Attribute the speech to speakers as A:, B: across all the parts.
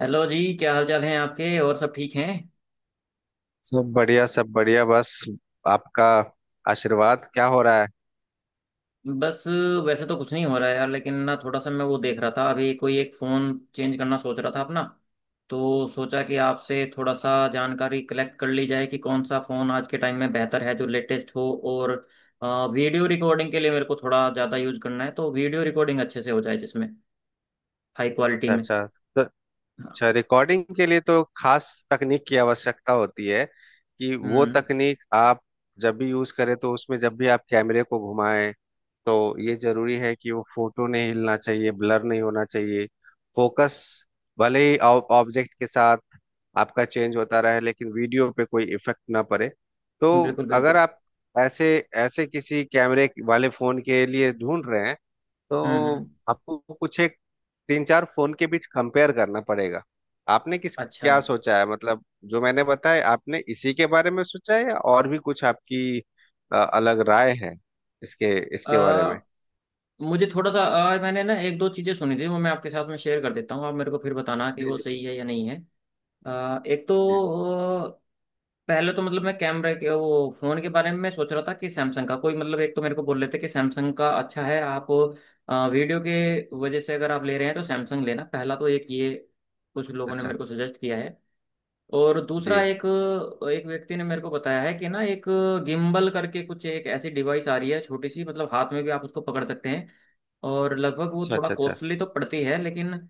A: Hello जी, क्या हाल चाल हैं आपके? और सब ठीक हैं?
B: सब बढ़िया सब बढ़िया। बस आपका आशीर्वाद। क्या हो रहा है
A: बस वैसे तो कुछ नहीं हो रहा है यार, लेकिन ना थोड़ा सा मैं वो देख रहा था अभी, कोई एक फ़ोन चेंज करना सोच रहा था अपना। तो सोचा कि आपसे थोड़ा सा जानकारी कलेक्ट कर ली जाए कि कौन सा फ़ोन आज के टाइम में बेहतर है जो लेटेस्ट हो, और वीडियो रिकॉर्डिंग के लिए मेरे को थोड़ा ज़्यादा यूज़ करना है, तो वीडियो रिकॉर्डिंग अच्छे से हो जाए जिसमें, हाई क्वालिटी में।
B: अच्छा। तो
A: हाँ।
B: अच्छा, रिकॉर्डिंग के लिए तो खास तकनीक की आवश्यकता होती है। कि वो
A: हम्म।
B: तकनीक आप जब भी यूज करें, तो उसमें जब भी आप कैमरे को घुमाएं तो ये जरूरी है कि वो फोटो नहीं हिलना चाहिए, ब्लर नहीं होना चाहिए। फोकस भले ही ऑब्जेक्ट के साथ आपका चेंज होता रहे, लेकिन वीडियो पे कोई इफेक्ट ना पड़े। तो
A: बिल्कुल
B: अगर
A: बिल्कुल।
B: आप ऐसे ऐसे किसी कैमरे वाले फोन के लिए ढूंढ रहे हैं,
A: हम्म।
B: तो आपको कुछ एक तीन चार फोन के बीच कंपेयर करना पड़ेगा। आपने किस
A: अच्छा,
B: क्या सोचा है मतलब जो मैंने बताया आपने इसी के बारे में सोचा है, या और भी कुछ आपकी अलग राय है इसके इसके बारे में।
A: मुझे थोड़ा सा मैंने ना एक दो चीजें सुनी थी, वो मैं आपके साथ में शेयर कर देता हूँ, आप मेरे को फिर बताना कि
B: जी
A: वो
B: जी जी।
A: सही है या नहीं है। आ, एक तो
B: जी।
A: अ, पहले तो मतलब मैं कैमरे के वो फोन के बारे में मैं सोच रहा था कि सैमसंग का कोई, मतलब एक तो मेरे को बोल रहे थे कि सैमसंग का अच्छा है, आप वीडियो के वजह से अगर आप ले रहे हैं तो सैमसंग लेना, पहला तो एक ये कुछ लोगों ने
B: अच्छा।
A: मेरे को सजेस्ट किया है। और दूसरा,
B: जी।
A: एक एक व्यक्ति ने मेरे को बताया है कि ना एक गिम्बल करके कुछ, एक ऐसी डिवाइस आ रही है छोटी सी, मतलब हाथ में भी आप उसको पकड़ सकते हैं, और लगभग वो
B: अच्छा
A: थोड़ा
B: अच्छा अच्छा।
A: कॉस्टली तो पड़ती है, लेकिन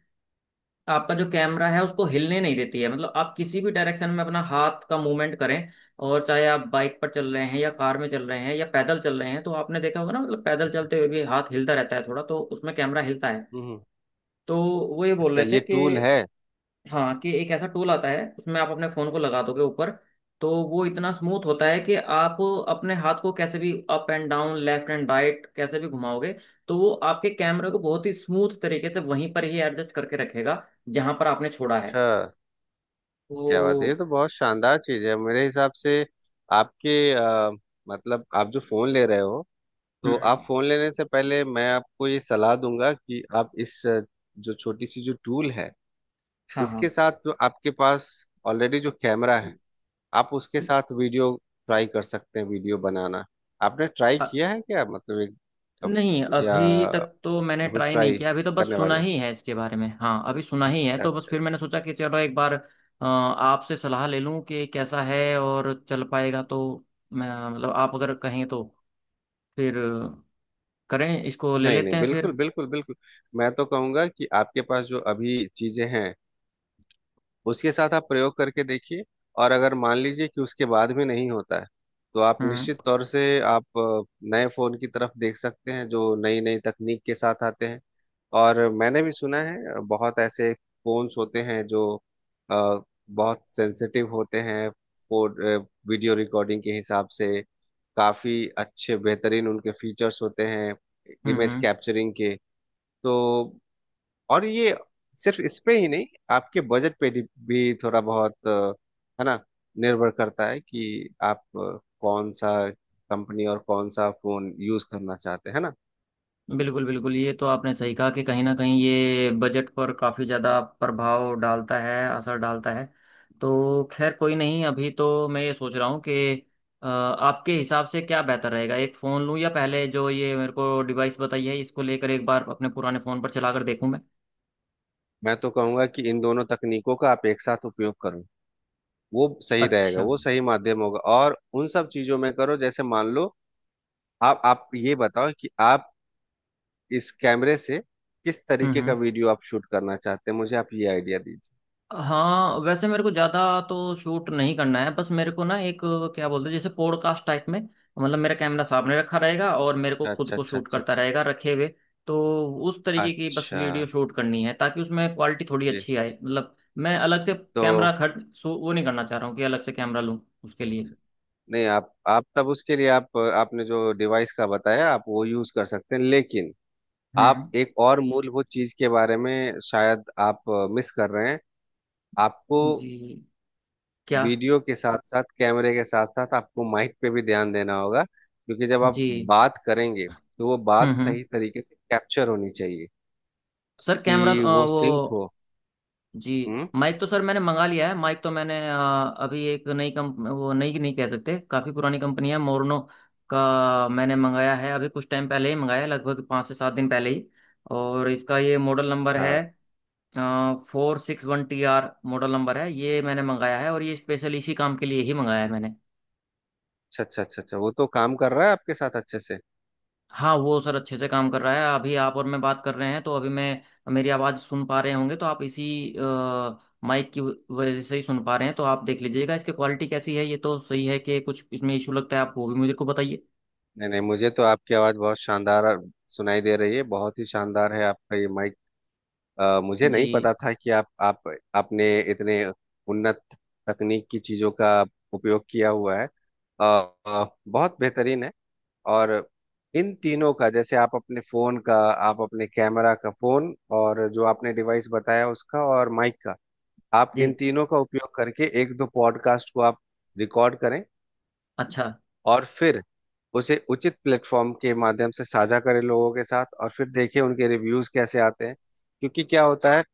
A: आपका जो कैमरा है उसको हिलने नहीं देती है। मतलब आप किसी भी डायरेक्शन में अपना हाथ का मूवमेंट करें, और चाहे आप बाइक पर चल रहे हैं, या कार में चल रहे हैं, या पैदल चल रहे हैं, तो आपने देखा होगा ना, मतलब पैदल चलते हुए भी हाथ हिलता रहता है थोड़ा, तो उसमें कैमरा हिलता है।
B: हम्म।
A: तो वो ये बोल
B: अच्छा,
A: रहे थे
B: ये टूल है।
A: कि, हाँ, कि एक ऐसा टूल आता है उसमें आप अपने फोन को लगा दोगे ऊपर, तो वो इतना स्मूथ होता है कि आप अपने हाथ को कैसे भी up and down, left and right, कैसे भी घुमाओगे, तो वो आपके कैमरे को बहुत ही स्मूथ तरीके से वहीं पर ही एडजस्ट करके रखेगा, जहां पर आपने छोड़ा है।
B: अच्छा, क्या बात है, ये
A: तो,
B: तो बहुत शानदार चीज है मेरे हिसाब से। आपके मतलब आप जो फोन ले रहे हो, तो
A: हम्म।
B: आप फोन लेने से पहले मैं आपको ये सलाह दूंगा कि आप इस जो छोटी सी जो टूल है,
A: हाँ
B: इसके साथ जो आपके पास ऑलरेडी जो कैमरा है, आप उसके साथ वीडियो ट्राई कर सकते हैं, वीडियो बनाना। आपने ट्राई
A: हाँ,
B: किया है क्या मतलब एक अब
A: नहीं
B: या
A: अभी तक तो मैंने
B: अभी
A: ट्राई नहीं
B: ट्राई
A: किया, अभी तो बस
B: करने
A: सुना
B: वाले हैं?
A: ही है इसके बारे में। हाँ अभी सुना ही है,
B: अच्छा
A: तो बस
B: अच्छा
A: फिर
B: अच्छा।
A: मैंने सोचा कि चलो एक बार आपसे सलाह ले लूं कि कैसा है, और चल पाएगा तो मैं, मतलब आप अगर कहें तो फिर करें, इसको ले
B: नहीं
A: लेते
B: नहीं,
A: हैं फिर।
B: बिल्कुल बिल्कुल बिल्कुल। मैं तो कहूंगा कि आपके पास जो अभी चीजें हैं, उसके साथ आप प्रयोग करके देखिए। और अगर मान लीजिए कि उसके बाद भी नहीं होता है, तो आप
A: हम्म
B: निश्चित तौर से आप नए फोन की तरफ देख सकते हैं, जो नई नई तकनीक के साथ आते हैं। और मैंने भी सुना है बहुत ऐसे फोन्स होते हैं जो अ, बहुत सेंसिटिव होते हैं फोन, वीडियो रिकॉर्डिंग के हिसाब से। काफी अच्छे बेहतरीन उनके फीचर्स होते हैं,
A: हम्म
B: इमेज
A: हम्म।
B: कैप्चरिंग के। तो और ये सिर्फ इस पे ही नहीं, आपके बजट पे भी थोड़ा बहुत है ना, निर्भर करता है कि आप कौन सा कंपनी और कौन सा फोन यूज करना चाहते हैं, है ना।
A: बिल्कुल बिल्कुल, ये तो आपने सही कहा कि कहीं ना कहीं ये बजट पर काफ़ी ज़्यादा प्रभाव डालता है, असर डालता है। तो खैर कोई नहीं, अभी तो मैं ये सोच रहा हूँ कि आपके हिसाब से क्या बेहतर रहेगा, एक फ़ोन लूँ, या पहले जो ये मेरे को डिवाइस बताई है इसको लेकर एक बार अपने पुराने फ़ोन पर चला कर देखूँ मैं।
B: मैं तो कहूंगा कि इन दोनों तकनीकों का आप एक साथ उपयोग करो, वो सही रहेगा,
A: अच्छा।
B: वो सही माध्यम होगा। और उन सब चीजों में करो, जैसे मान लो आप ये बताओ कि आप इस कैमरे से किस तरीके का
A: हम्म।
B: वीडियो आप शूट करना चाहते हैं, मुझे आप ये आइडिया दीजिए।
A: हाँ, वैसे मेरे को ज़्यादा तो शूट नहीं करना है, बस मेरे को ना एक, क्या बोलते हैं, जैसे पॉडकास्ट टाइप में, मतलब मेरा कैमरा सामने रखा रहेगा और मेरे को खुद
B: अच्छा
A: को
B: अच्छा
A: शूट
B: अच्छा
A: करता
B: अच्छा।
A: रहेगा रखे हुए। तो उस तरीके की बस
B: अच्छा।
A: वीडियो शूट करनी है ताकि उसमें क्वालिटी थोड़ी
B: जी।
A: अच्छी आए। मतलब मैं अलग से
B: तो
A: कैमरा खर्च वो नहीं करना चाह रहा हूँ कि अलग से कैमरा लूँ उसके लिए।
B: नहीं, आप तब उसके लिए आप आपने जो डिवाइस का बताया, आप वो यूज कर सकते हैं। लेकिन
A: हम्म।
B: आप एक और मूलभूत चीज के बारे में शायद आप मिस कर रहे हैं। आपको
A: जी। क्या?
B: वीडियो के साथ साथ, कैमरे के साथ साथ आपको माइक पे भी ध्यान देना होगा, क्योंकि जब आप
A: जी।
B: बात करेंगे तो वो बात
A: हम्म।
B: सही तरीके से कैप्चर होनी चाहिए,
A: सर कैमरा
B: कि वो
A: वो।
B: सिंक हो।
A: जी।
B: हम्म।
A: माइक तो सर मैंने मंगा लिया है, माइक तो मैंने अभी एक नई कंप वो नई नहीं कह सकते, काफ़ी पुरानी कंपनी है, मोरनो का मैंने मंगाया है, अभी कुछ टाइम पहले ही मंगाया, लगभग 5 से 7 दिन पहले ही। और इसका ये मॉडल नंबर
B: हाँ।
A: है, 461TR मॉडल नंबर है, ये मैंने मंगाया है, और ये स्पेशल इसी काम के लिए ही मंगाया है मैंने।
B: अच्छा अच्छा अच्छा अच्छा, वो तो काम कर रहा है आपके साथ अच्छे से।
A: हाँ वो सर अच्छे से काम कर रहा है, अभी आप और मैं बात कर रहे हैं तो अभी मैं, मेरी आवाज़ सुन पा रहे होंगे, तो आप इसी माइक की वजह से ही सुन पा रहे हैं, तो आप देख लीजिएगा इसकी क्वालिटी कैसी है, ये तो सही है, कि कुछ इसमें इशू लगता है आप वो भी मुझे को बताइए।
B: नहीं नहीं, मुझे तो आपकी आवाज बहुत शानदार और सुनाई दे रही है, बहुत ही शानदार है आपका ये माइक। मुझे
A: जी
B: नहीं पता था कि आप आपने इतने उन्नत तकनीक की चीजों का उपयोग किया हुआ है। अ, बहुत बेहतरीन है। और इन तीनों का, जैसे आप अपने फोन का, आप अपने कैमरा का फोन और जो आपने डिवाइस बताया उसका और माइक का, आप इन
A: जी।
B: तीनों का उपयोग करके एक दो पॉडकास्ट को आप रिकॉर्ड करें।
A: अच्छा।
B: और फिर उसे उचित प्लेटफॉर्म के माध्यम से साझा करें लोगों के साथ, और फिर देखें उनके रिव्यूज कैसे आते हैं। क्योंकि क्या होता है,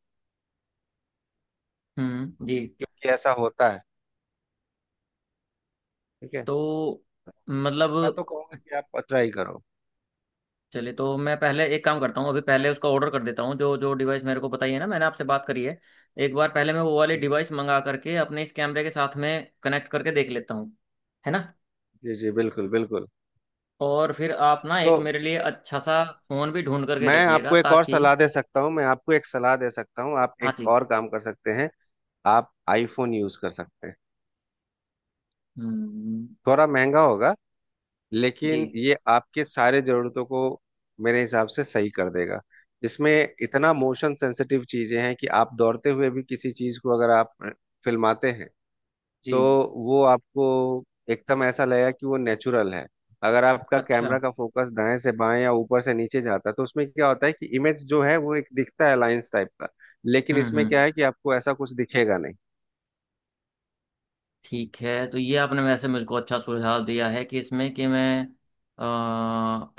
A: जी।
B: क्योंकि ऐसा होता है, ठीक है।
A: तो,
B: मैं
A: मतलब,
B: तो कहूँगा कि आप ट्राई करो।
A: चलिए तो मैं पहले एक काम करता हूँ, अभी पहले उसका ऑर्डर कर देता हूँ, जो जो डिवाइस मेरे को बताइए ना मैंने आपसे बात करी है, एक बार पहले मैं वो वाली
B: जी
A: डिवाइस मंगा करके अपने इस कैमरे के साथ में कनेक्ट करके देख लेता हूँ, है ना?
B: जी जी, बिल्कुल बिल्कुल।
A: और फिर आप ना
B: तो
A: एक मेरे लिए अच्छा सा फोन भी ढूंढ करके
B: मैं
A: रखिएगा,
B: आपको एक और
A: ताकि।
B: सलाह दे सकता हूँ, मैं आपको एक सलाह दे सकता हूँ, आप
A: हाँ
B: एक
A: जी।
B: और काम कर सकते हैं। आप आईफोन यूज कर सकते हैं।
A: हम्म।
B: थोड़ा महंगा होगा,
A: जी
B: लेकिन ये आपके सारे जरूरतों को मेरे हिसाब से सही कर देगा। इसमें इतना मोशन सेंसिटिव चीजें हैं कि आप दौड़ते हुए भी किसी चीज को अगर आप फिल्माते हैं, तो
A: जी।
B: वो आपको एकदम ऐसा लगेगा कि वो नेचुरल है। अगर आपका
A: अच्छा।
B: कैमरा का फोकस दाएं से बाएं या ऊपर से नीचे जाता है, तो उसमें क्या होता है कि इमेज जो है वो एक दिखता है लाइंस टाइप का। लेकिन इसमें क्या
A: हम्म।
B: है कि आपको ऐसा कुछ दिखेगा नहीं।
A: ठीक है, तो ये आपने वैसे मुझको अच्छा सुझाव दिया है कि, इसमें कि मैं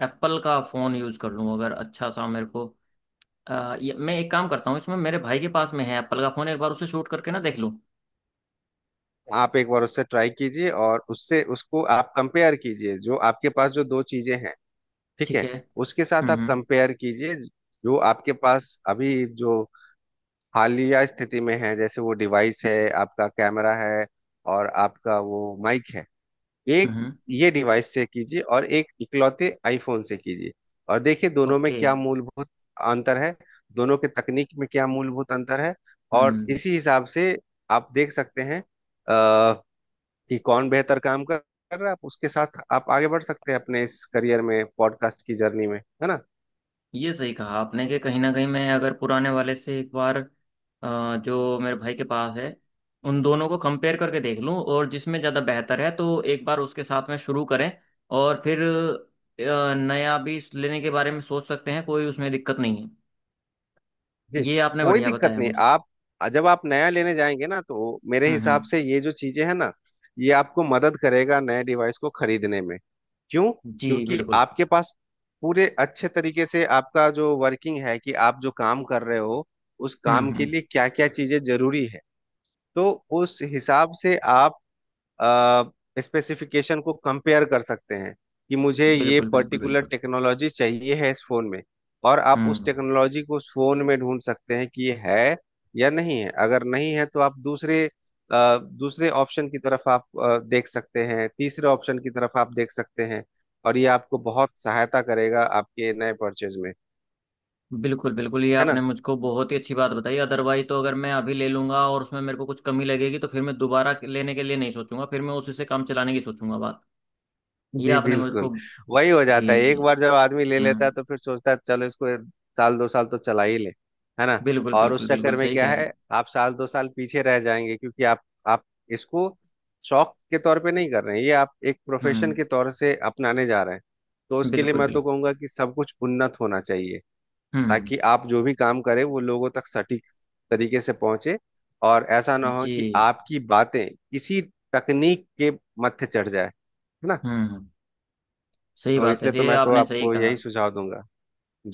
A: एप्पल का फ़ोन यूज़ कर लूँ अगर अच्छा सा मेरे को। मैं एक काम करता हूँ, इसमें मेरे भाई के पास में है एप्पल का फ़ोन, एक बार उसे शूट करके ना देख लूँ।
B: आप एक बार उससे ट्राई कीजिए, और उससे उसको आप कंपेयर कीजिए जो आपके पास जो दो चीजें हैं, ठीक
A: ठीक
B: है,
A: है।
B: उसके साथ
A: हम्म
B: आप
A: हम्म
B: कंपेयर कीजिए। जो आपके पास अभी जो हालिया स्थिति में है, जैसे वो डिवाइस है, आपका कैमरा है और आपका वो माइक है, एक
A: हम्म।
B: ये डिवाइस से कीजिए और एक इकलौते आईफोन से कीजिए। और देखिए दोनों में
A: ओके।
B: क्या
A: हम्म।
B: मूलभूत अंतर है, दोनों के तकनीक में क्या मूलभूत अंतर है।
A: Okay,
B: और इसी हिसाब से आप देख सकते हैं कि कौन बेहतर काम कर कर रहा है, आप उसके साथ आप आगे बढ़ सकते हैं अपने इस करियर में, पॉडकास्ट की जर्नी में, है ना।
A: ये सही कहा आपने कि कहीं ना कहीं मैं अगर पुराने वाले से एक बार, जो मेरे भाई के पास है, उन दोनों को कंपेयर करके देख लूं, और जिसमें ज़्यादा बेहतर है तो एक बार उसके साथ में शुरू करें, और फिर नया भी लेने के बारे में सोच सकते हैं, कोई उसमें दिक्कत नहीं है।
B: जी,
A: ये आपने
B: कोई
A: बढ़िया
B: दिक्कत
A: बताया
B: नहीं।
A: मुझे।
B: आप जब आप नया लेने जाएंगे ना, तो मेरे हिसाब
A: हम्म।
B: से ये जो चीजें हैं ना, ये आपको मदद करेगा नए डिवाइस को खरीदने में। क्यों,
A: जी
B: क्योंकि
A: बिल्कुल।
B: आपके पास पूरे अच्छे तरीके से आपका जो वर्किंग है कि आप जो काम कर रहे हो, उस काम के
A: हम्म।
B: लिए क्या क्या चीजें जरूरी है। तो उस हिसाब से आप स्पेसिफिकेशन को कंपेयर कर सकते हैं, कि मुझे ये
A: बिल्कुल बिल्कुल
B: पर्टिकुलर
A: बिल्कुल।
B: टेक्नोलॉजी चाहिए है इस फोन में। और आप उस
A: हम्म।
B: टेक्नोलॉजी को उस फोन में ढूंढ सकते हैं कि ये है या नहीं है। अगर नहीं है तो आप दूसरे दूसरे ऑप्शन की तरफ आप देख सकते हैं, तीसरे ऑप्शन की तरफ आप देख सकते हैं। और ये आपको बहुत सहायता करेगा आपके नए परचेज में,
A: बिल्कुल बिल्कुल, ये
B: है
A: आपने
B: ना।
A: मुझको बहुत ही अच्छी बात बताई, अदरवाइज तो अगर मैं अभी ले लूंगा और उसमें मेरे को कुछ कमी लगेगी तो फिर मैं दोबारा लेने के लिए नहीं सोचूंगा, फिर मैं उसी से काम चलाने की सोचूंगा बात। ये
B: जी
A: आपने
B: बिल्कुल।
A: मुझको।
B: वही हो जाता
A: जी
B: है, एक
A: जी।
B: बार जब आदमी ले लेता है
A: हम्म।
B: तो फिर सोचता है चलो इसको एक साल दो साल तो चला ही ले, है ना।
A: बिल्कुल
B: और उस
A: बिल्कुल बिल्कुल,
B: चक्कर में
A: सही
B: क्या
A: कह रहे
B: है,
A: हैं।
B: आप साल दो साल पीछे रह जाएंगे, क्योंकि आप इसको शौक के तौर पे नहीं कर रहे हैं, ये आप एक प्रोफेशन
A: हम्म।
B: के तौर से अपनाने जा रहे हैं। तो उसके लिए
A: बिल्कुल
B: मैं तो
A: बिल्कुल।
B: कहूंगा कि सब कुछ उन्नत होना चाहिए,
A: हम्म।
B: ताकि आप जो भी काम करें वो लोगों तक सटीक तरीके से पहुंचे। और ऐसा ना हो कि
A: जी।
B: आपकी बातें किसी तकनीक के मत्थे चढ़ जाए, है ना।
A: हम्म। सही
B: तो
A: बात है,
B: इसलिए तो
A: ये
B: मैं तो
A: आपने सही
B: आपको
A: कहा।
B: यही सुझाव दूंगा।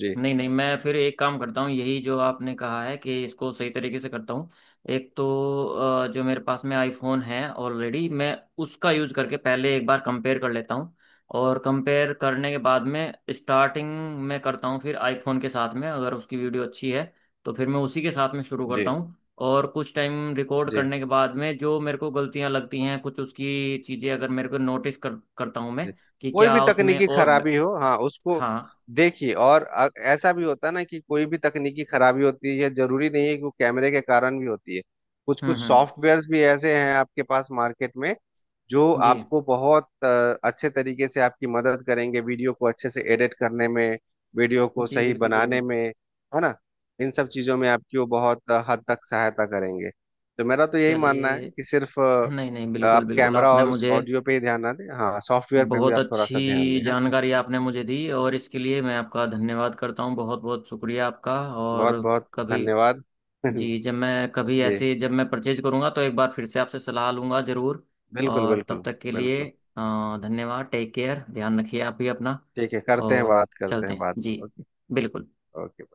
B: जी
A: नहीं नहीं, मैं फिर एक काम करता हूँ, यही जो आपने कहा है कि इसको सही तरीके से करता हूँ। एक तो जो मेरे पास में आईफोन है ऑलरेडी, मैं उसका यूज़ करके पहले एक बार कंपेयर कर लेता हूँ। और कंपेयर करने के बाद में, स्टार्टिंग में करता हूँ फिर आईफोन के साथ में, अगर उसकी वीडियो अच्छी है तो फिर मैं उसी के साथ में शुरू करता
B: जी
A: हूँ। और कुछ टाइम रिकॉर्ड
B: जी।
A: करने के बाद में जो मेरे को गलतियाँ लगती हैं, कुछ उसकी चीज़ें अगर मेरे को नोटिस कर करता हूँ मैं,
B: जी,
A: कि
B: कोई भी
A: क्या उसमें
B: तकनीकी
A: और
B: खराबी हो, हाँ उसको
A: हाँ।
B: देखिए। और ऐसा भी होता है ना कि कोई भी तकनीकी खराबी होती है, जरूरी नहीं है कि वो कैमरे के कारण भी होती है। कुछ कुछ
A: हम्म।
B: सॉफ्टवेयर्स भी ऐसे हैं आपके पास मार्केट में, जो
A: जी
B: आपको बहुत अच्छे तरीके से आपकी मदद करेंगे वीडियो को अच्छे से एडिट करने में, वीडियो को
A: जी।
B: सही
A: बिल्कुल
B: बनाने
A: बिल्कुल।
B: में, है ना। इन सब चीज़ों में आपकी वो बहुत हद तक सहायता करेंगे। तो मेरा तो यही मानना है
A: चलिए,
B: कि सिर्फ
A: नहीं नहीं, बिल्कुल
B: आप
A: बिल्कुल,
B: कैमरा
A: आपने
B: और उस
A: मुझे
B: ऑडियो पे ही ध्यान ना दें, हाँ सॉफ्टवेयर पे भी
A: बहुत
B: आप थोड़ा सा ध्यान
A: अच्छी
B: दें, है ना।
A: जानकारी, आपने मुझे दी, और इसके लिए मैं आपका धन्यवाद करता हूँ, बहुत बहुत शुक्रिया आपका। और
B: बहुत बहुत
A: कभी,
B: धन्यवाद।
A: जी, जब मैं कभी
B: जी
A: ऐसे जब मैं परचेज करूँगा तो एक बार फिर से आपसे सलाह लूँगा ज़रूर।
B: बिल्कुल
A: और तब
B: बिल्कुल
A: तक के लिए,
B: बिल्कुल।
A: धन्यवाद, टेक केयर, ध्यान रखिए आप भी अपना,
B: ठीक है, करते हैं
A: और
B: बात, करते
A: चलते
B: हैं
A: हैं
B: बाद में।
A: जी।
B: ओके
A: बिल्कुल।
B: ओके।